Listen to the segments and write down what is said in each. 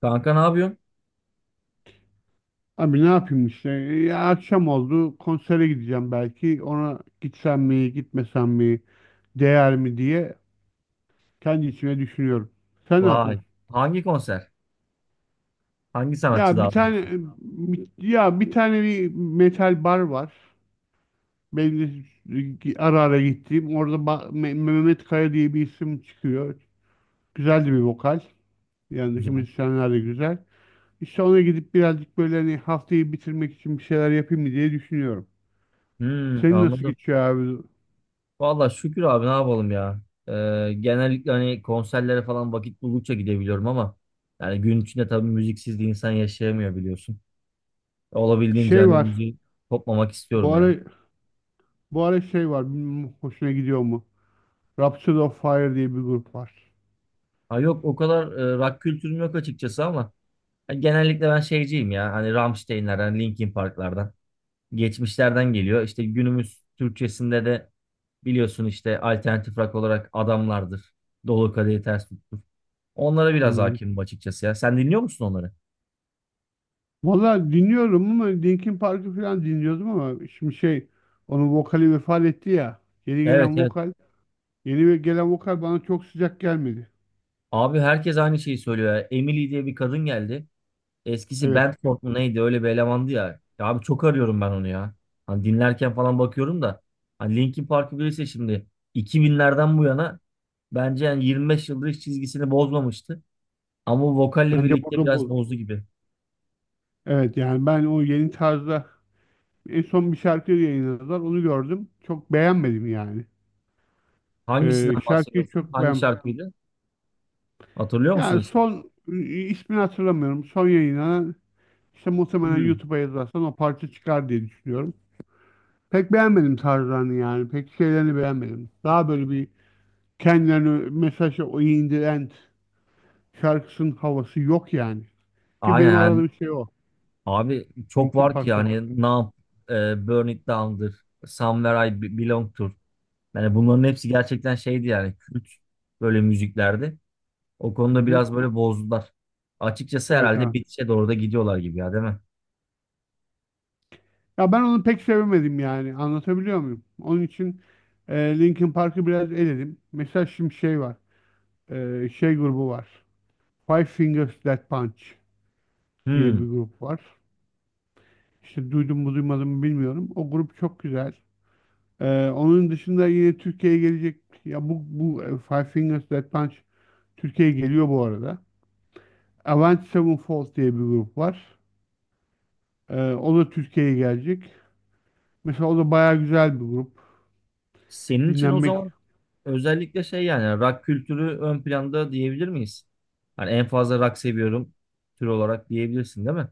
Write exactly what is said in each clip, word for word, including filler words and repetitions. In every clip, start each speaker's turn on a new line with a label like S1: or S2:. S1: Kanka ne yapıyorsun?
S2: Abi ne yapayım işte? Ya akşam oldu. Konsere gideceğim belki. Ona gitsem mi, gitmesem mi, değer mi diye kendi içime düşünüyorum. Sen ne
S1: Vay.
S2: yapıyorsun?
S1: Hangi konser? Hangi sanatçı
S2: Ya bir
S1: daha
S2: tane
S1: doğrusu?
S2: bir- ya bir tane bir metal bar var. Benim de ara ara gittiğim. Orada ba- Me- Mehmet Kaya diye bir isim çıkıyor. Güzel de bir vokal. Yanındaki
S1: Güzel.
S2: müzisyenler de güzel. İşte ona gidip birazcık böyle hani haftayı bitirmek için bir şeyler yapayım mı diye düşünüyorum.
S1: Hmm,
S2: Senin nasıl
S1: anladım.
S2: geçiyor abi?
S1: Valla şükür abi ne yapalım ya. Ee, genellikle hani konserlere falan vakit buldukça gidebiliyorum ama yani gün içinde tabii müziksiz de insan yaşayamıyor biliyorsun. Olabildiğince
S2: Şey
S1: hani
S2: var.
S1: müziği kopmamak
S2: Bu
S1: istiyorum
S2: ara
S1: ya.
S2: Bu ara şey var. Bilmiyorum hoşuna gidiyor mu? Rhapsody of Fire diye bir grup var.
S1: Ha yok o kadar e, rock kültürüm yok açıkçası ama hani genellikle ben şeyciyim ya. Hani Rammstein'lerden, Linkin Park'lardan. Geçmişlerden geliyor. İşte günümüz Türkçesinde de biliyorsun işte alternatif rock olarak adamlardır. Dolu kadehi ters tuttur. Onlara biraz
S2: Hmm.
S1: hakimim açıkçası ya. Sen dinliyor musun onları?
S2: Valla dinliyorum ama Linkin Park'ı falan dinliyordum ama şimdi şey onun vokali vefat etti ya. Yeni
S1: Evet,
S2: gelen
S1: evet.
S2: vokal, yeni ve- gelen vokal bana çok sıcak gelmedi.
S1: Abi herkes aynı şeyi söylüyor ya. Emily diye bir kadın geldi. Eskisi
S2: Evet.
S1: Bandcamp mı neydi öyle bir elemandı ya. Ya abi çok arıyorum ben onu ya. Hani dinlerken falan bakıyorum da. Hani Linkin Park'ı bilirse şimdi iki binlerden bu yana bence yani yirmi beş yıldır hiç çizgisini bozmamıştı. Ama vokalle
S2: Bence
S1: birlikte
S2: burada
S1: biraz
S2: bozdu.
S1: bozdu gibi.
S2: Evet yani ben o yeni tarzda en son bir şarkı yayınladılar. Onu gördüm. Çok beğenmedim yani. Ee,
S1: Hangisinden
S2: şarkıyı
S1: bahsediyorsun?
S2: çok
S1: Hangi
S2: beğenmedim.
S1: şarkıydı? Hatırlıyor musun
S2: Yani
S1: ismi?
S2: son ismini hatırlamıyorum. Son yayınlanan İşte muhtemelen
S1: Hmm.
S2: YouTube'a yazarsan o parça çıkar diye düşünüyorum. Pek beğenmedim tarzlarını yani. Pek şeylerini beğenmedim. Daha böyle bir kendilerini mesajı o in the end şarkısının havası yok yani. Ki
S1: Aynen
S2: benim
S1: yani,
S2: aradığım şey o.
S1: abi çok
S2: Linkin
S1: var ki
S2: Park'ta.
S1: yani Numb, e, Burn It Down'dır, Somewhere I Be- Belong Tour. Yani bunların hepsi gerçekten şeydi, yani kült böyle müziklerdi. O
S2: Hı
S1: konuda
S2: hı.
S1: biraz böyle bozdular. Açıkçası
S2: Evet
S1: herhalde
S2: abi.
S1: bitişe doğru da gidiyorlar gibi ya, değil mi?
S2: Ya ben onu pek sevemedim yani. Anlatabiliyor muyum? Onun için e, Linkin Park'ı biraz eledim. Mesela şimdi şey var. E, şey grubu var. Five Fingers Death Punch diye bir
S1: Hmm.
S2: grup var. İşte duydum mu duymadım mı bilmiyorum. O grup çok güzel. Ee, onun dışında yine Türkiye'ye gelecek ya bu bu e, Five Fingers Death Punch Türkiye'ye geliyor bu arada. Avenged Sevenfold diye bir grup var. Ee, o da Türkiye'ye gelecek. Mesela o da bayağı güzel bir grup.
S1: Senin için o
S2: Dinlenmek.
S1: zaman özellikle şey, yani rock kültürü ön planda diyebilir miyiz? Hani en fazla rock seviyorum tür olarak diyebilirsin değil mi?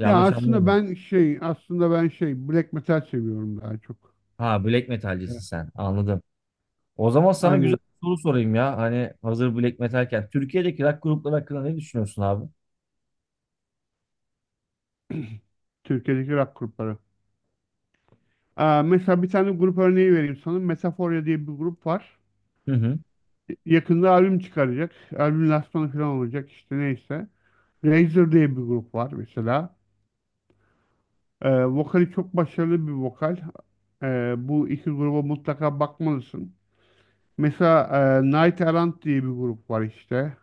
S2: Ya aslında
S1: anlamadım.
S2: ben şey aslında ben şey black metal seviyorum daha çok.
S1: Ha, black metalcisin
S2: Evet.
S1: sen. Anladım. O zaman sana güzel
S2: Aynen
S1: bir soru sorayım ya. Hani hazır Black Metal'ken, Türkiye'deki rock grupları hakkında ne düşünüyorsun abi?
S2: Türkiye'deki rock grupları. Aa, mesela bir tane grup örneği vereyim sana. Metaforia diye bir grup var.
S1: Hı hı.
S2: Yakında albüm çıkaracak. Albüm lansmanı falan olacak işte neyse. Razer diye bir grup var mesela. Ee, vokali çok başarılı bir vokal. Ee, bu iki gruba mutlaka bakmalısın. Mesela e, Night Errant diye bir grup var işte.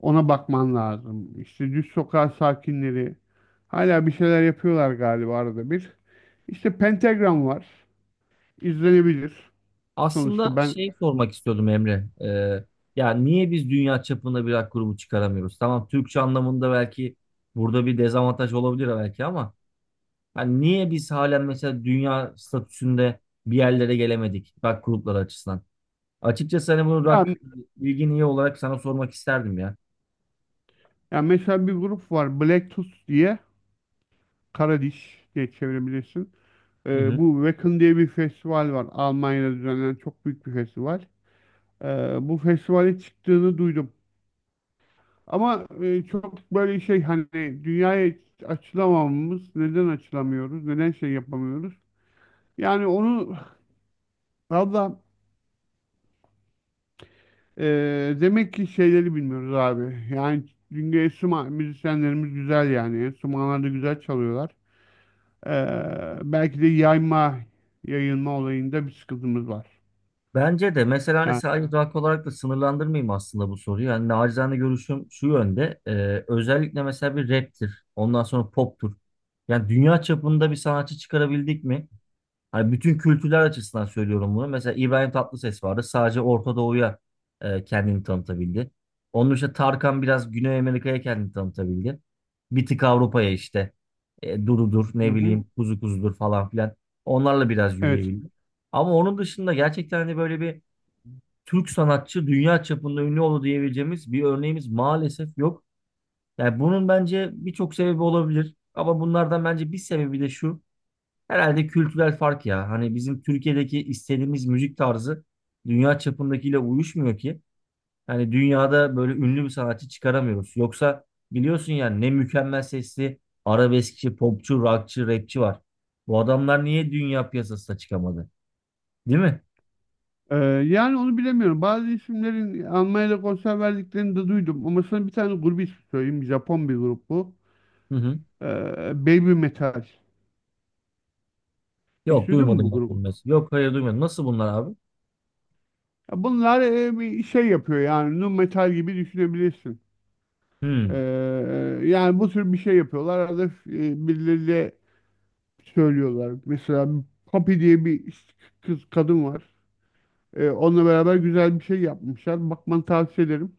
S2: Ona bakman lazım. İşte Düz Sokak Sakinleri. Hala bir şeyler yapıyorlar galiba arada bir. İşte Pentagram var. İzlenebilir.
S1: Aslında
S2: Sonuçta ben
S1: şey sormak istiyordum Emre. Ee, ya niye biz dünya çapında bir rock grubu çıkaramıyoruz? Tamam, Türkçe anlamında belki burada bir dezavantaj olabilir belki ama hani niye biz halen mesela dünya statüsünde bir yerlere gelemedik rock grupları açısından? Açıkçası hani bunu
S2: ya,
S1: rock bilgin iyi olarak sana sormak isterdim ya.
S2: ya mesela bir grup var Black Tooth diye. Karadiş diye çevirebilirsin.
S1: Hı
S2: Ee,
S1: hı.
S2: bu Wacken diye bir festival var. Almanya'da düzenlenen çok büyük bir festival. Ee, Bu festivale çıktığını duydum. Ama e, çok böyle şey hani dünyaya açılamamamız, neden açılamıyoruz, neden şey yapamıyoruz? Yani onu valla e, demek ki şeyleri bilmiyoruz abi. Yani çünkü enstrüman müzisyenlerimiz güzel yani. Enstrümanlar da güzel çalıyorlar. Ee, belki de yayma, yayılma olayında bir sıkıntımız var.
S1: Bence de mesela hani
S2: Yani,
S1: sadece rock olarak da sınırlandırmayayım aslında bu soruyu. Yani nacizane görüşüm şu yönde. Ee, özellikle mesela bir raptir. Ondan sonra poptur. Yani dünya çapında bir sanatçı çıkarabildik mi? Hani bütün kültürler açısından söylüyorum bunu. Mesela İbrahim Tatlıses vardı. Sadece Orta Doğu'ya e, kendini tanıtabildi. Onun işte Tarkan biraz Güney Amerika'ya kendini tanıtabildi. Bir tık Avrupa'ya işte. E, Dududur,
S2: hı
S1: ne
S2: hı.
S1: bileyim, Kuzu Kuzudur falan filan. Onlarla biraz
S2: Evet.
S1: yürüyebildi. Ama onun dışında gerçekten hani böyle bir Türk sanatçı dünya çapında ünlü oldu diyebileceğimiz bir örneğimiz maalesef yok. Yani bunun bence birçok sebebi olabilir. Ama bunlardan bence bir sebebi de şu. Herhalde kültürel fark ya. Hani bizim Türkiye'deki istediğimiz müzik tarzı dünya çapındakiyle uyuşmuyor ki. Yani dünyada böyle ünlü bir sanatçı çıkaramıyoruz. Yoksa biliyorsun yani ne mükemmel sesli arabeskçi, popçu, rockçı, rapçi var. Bu adamlar niye dünya piyasasına çıkamadı? Değil mi?
S2: Ee, Yani onu bilemiyorum. Bazı isimlerin Almanya'da konser verdiklerini de duydum. Ama sana bir tane grubu ismi söyleyeyim. Japon bir grup bu.
S1: Hı hı.
S2: Ee, Baby Metal. Hiç
S1: Yok
S2: duydun mu
S1: duymadım
S2: bu
S1: bak bunu
S2: grubu?
S1: mesela. Yok hayır duymadım. Nasıl bunlar abi?
S2: Ya bunlar e, bir şey yapıyor yani. Nu metal gibi düşünebilirsin. Ee,
S1: Hmm.
S2: Yani bu tür bir şey yapıyorlar. Arada e, birileriyle söylüyorlar. Mesela Poppy diye bir kız kadın var. Ee, onunla beraber güzel bir şey yapmışlar. Bakmanı tavsiye ederim.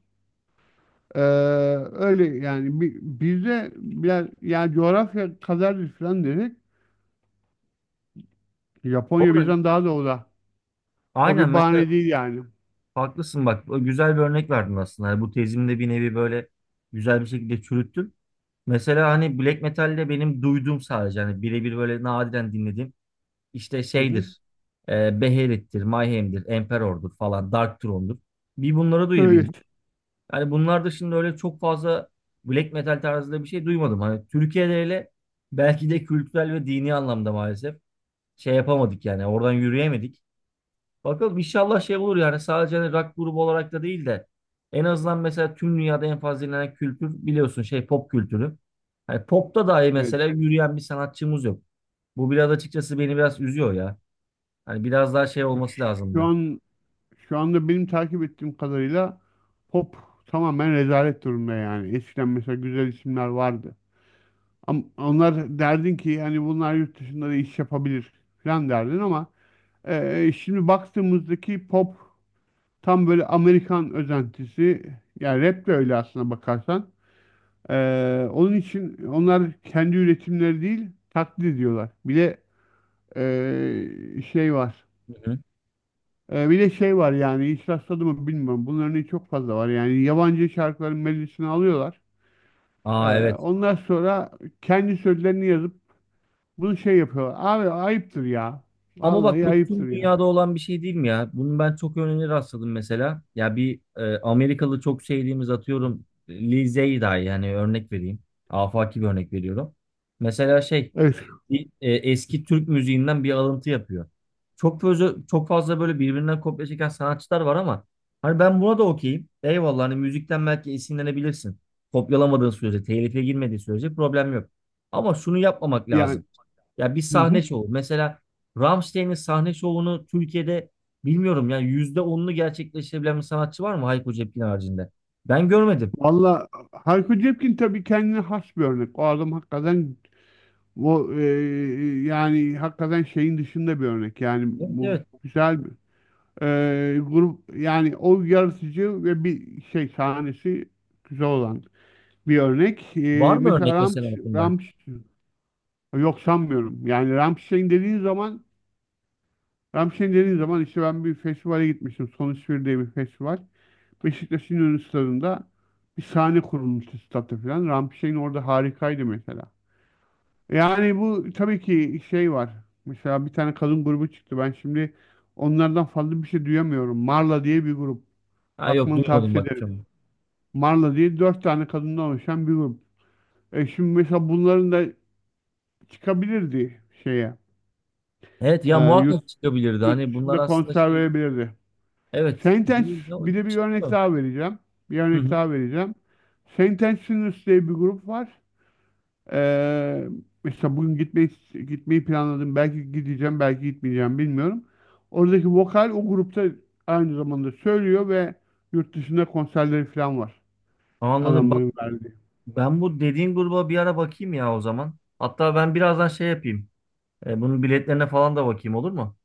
S2: Ee, Öyle yani bi- bizde biraz yani coğrafya kadardır falan dedik. Japonya
S1: Doğru.
S2: bizden daha doğuda. O
S1: Aynen
S2: bir
S1: mesela
S2: bahane değil yani.
S1: haklısın bak, o güzel bir örnek verdin aslında. Yani bu tezimde bir nevi böyle güzel bir şekilde çürüttüm. Mesela hani black metal'de benim duyduğum sadece hani birebir böyle nadiren dinlediğim işte
S2: Hı hı.
S1: şeydir. E, Beherit'tir, Mayhem'dir, Emperor'dur falan, Dark Throne'dur. Bir bunları
S2: Evet.
S1: duyabildim. Hani bunlar dışında öyle çok fazla black metal tarzında bir şey duymadım. Hani Türkiye'de öyle belki de kültürel ve dini anlamda maalesef şey yapamadık, yani oradan yürüyemedik. Bakalım inşallah şey olur yani, sadece hani rock grubu olarak da değil de en azından mesela tüm dünyada en fazla dinlenen kültür biliyorsun şey, pop kültürü. Hani popta dahi mesela
S2: Evet.
S1: yürüyen bir sanatçımız yok. Bu biraz açıkçası beni biraz üzüyor ya. Hani biraz daha şey olması
S2: Şu
S1: lazımdı.
S2: an Şu anda benim takip ettiğim kadarıyla pop tamamen rezalet durumda yani. Eskiden mesela güzel isimler vardı. Ama onlar derdin ki hani bunlar yurt dışında da iş yapabilir falan derdin ama e, e, şimdi baktığımızdaki pop tam böyle Amerikan özentisi. Yani rap de öyle aslına bakarsan. Ee, onun için onlar kendi üretimleri değil taklit ediyorlar. Bir de ee, şey var.
S1: Hı hı.
S2: Ee, bir de şey var yani hiç rastladı mı bilmiyorum. Bunların örneği çok fazla var. Yani yabancı şarkıların melodisini alıyorlar. Ee,
S1: Aa evet.
S2: Ondan sonra kendi sözlerini yazıp bunu şey yapıyorlar. Abi ayıptır ya.
S1: Ama bak,
S2: Vallahi
S1: bu tüm
S2: ayıptır yani.
S1: dünyada olan bir şey değil mi ya? Bunu ben çok örneğine rastladım mesela. Ya bir e, Amerikalı çok sevdiğimiz, atıyorum Lil Zey dahi yani, örnek vereyim. Afaki bir örnek veriyorum. Mesela şey,
S2: Evet.
S1: bir, e, eski Türk müziğinden bir alıntı yapıyor. Çok fazla çok fazla böyle birbirinden kopya çeken sanatçılar var ama hani ben buna da okeyim. Eyvallah, hani müzikten belki esinlenebilirsin. Kopyalamadığın sürece, telife girmediği sürece problem yok. Ama şunu yapmamak
S2: Yani
S1: lazım. Ya bir
S2: hı
S1: sahne
S2: hı.
S1: şovu. Mesela Rammstein'in sahne şovunu Türkiye'de bilmiyorum yani yüzde onunu gerçekleştirebilen bir sanatçı var mı Hayko Cepkin haricinde? Ben görmedim.
S2: Valla Hayko Cepkin tabii kendine has bir örnek. O adam hakikaten bu e, yani hakikaten şeyin dışında bir örnek. Yani
S1: Evet,
S2: bu
S1: evet.
S2: güzel bir e, grup yani o yaratıcı ve bir şey sahnesi güzel olan bir örnek.
S1: Var
S2: E,
S1: mı
S2: mesela
S1: örnek mesela
S2: Ramş,
S1: aklında?
S2: Ramş yok sanmıyorum. Yani Rammstein dediğin zaman Rammstein dediğin zaman işte ben bir festivale gitmiştim. Sonuç bir diye bir festival. Beşiktaş'ın ünlü stadında bir sahne kurulmuştu statta falan. Rammstein orada harikaydı mesela. Yani bu tabii ki şey var. Mesela bir tane kadın grubu çıktı. Ben şimdi onlardan fazla bir şey duyamıyorum. Marla diye bir grup.
S1: Ha yok
S2: Bakmanı
S1: duymadım
S2: tavsiye
S1: bak.
S2: ederim.
S1: Çok.
S2: Marla diye dört tane kadından oluşan bir grup. E şimdi mesela bunların da çıkabilirdi şeye.
S1: Evet
S2: E,
S1: ya,
S2: yurt,
S1: muhakkak çıkabilirdi.
S2: Yurt
S1: Hani bunlar
S2: dışında
S1: aslında
S2: konser
S1: şey,
S2: verebilirdi.
S1: evet
S2: Sentence
S1: değil de o
S2: Bir de bir örnek
S1: çıkıyor.
S2: daha vereceğim. Bir
S1: Hı
S2: örnek
S1: hı.
S2: daha vereceğim. Sentence Sinners diye bir grup var. Ee, Mesela bugün gitmeyi gitmeyi planladım. Belki gideceğim, belki gitmeyeceğim bilmiyorum. Oradaki vokal o grupta aynı zamanda söylüyor ve yurt dışında konserleri falan var.
S1: Anladım. Bak,
S2: Adamların verdiği.
S1: ben bu dediğin gruba bir ara bakayım ya o zaman. Hatta ben birazdan şey yapayım. E, bunun biletlerine falan da bakayım, olur mu?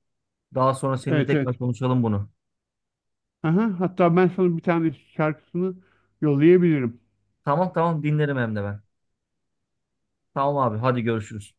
S1: Daha sonra seninle
S2: Evet, evet.
S1: tekrar konuşalım bunu.
S2: Aha, hatta ben sana bir tane şarkısını yollayabilirim.
S1: Tamam, tamam dinlerim hem de ben. Tamam abi, hadi görüşürüz.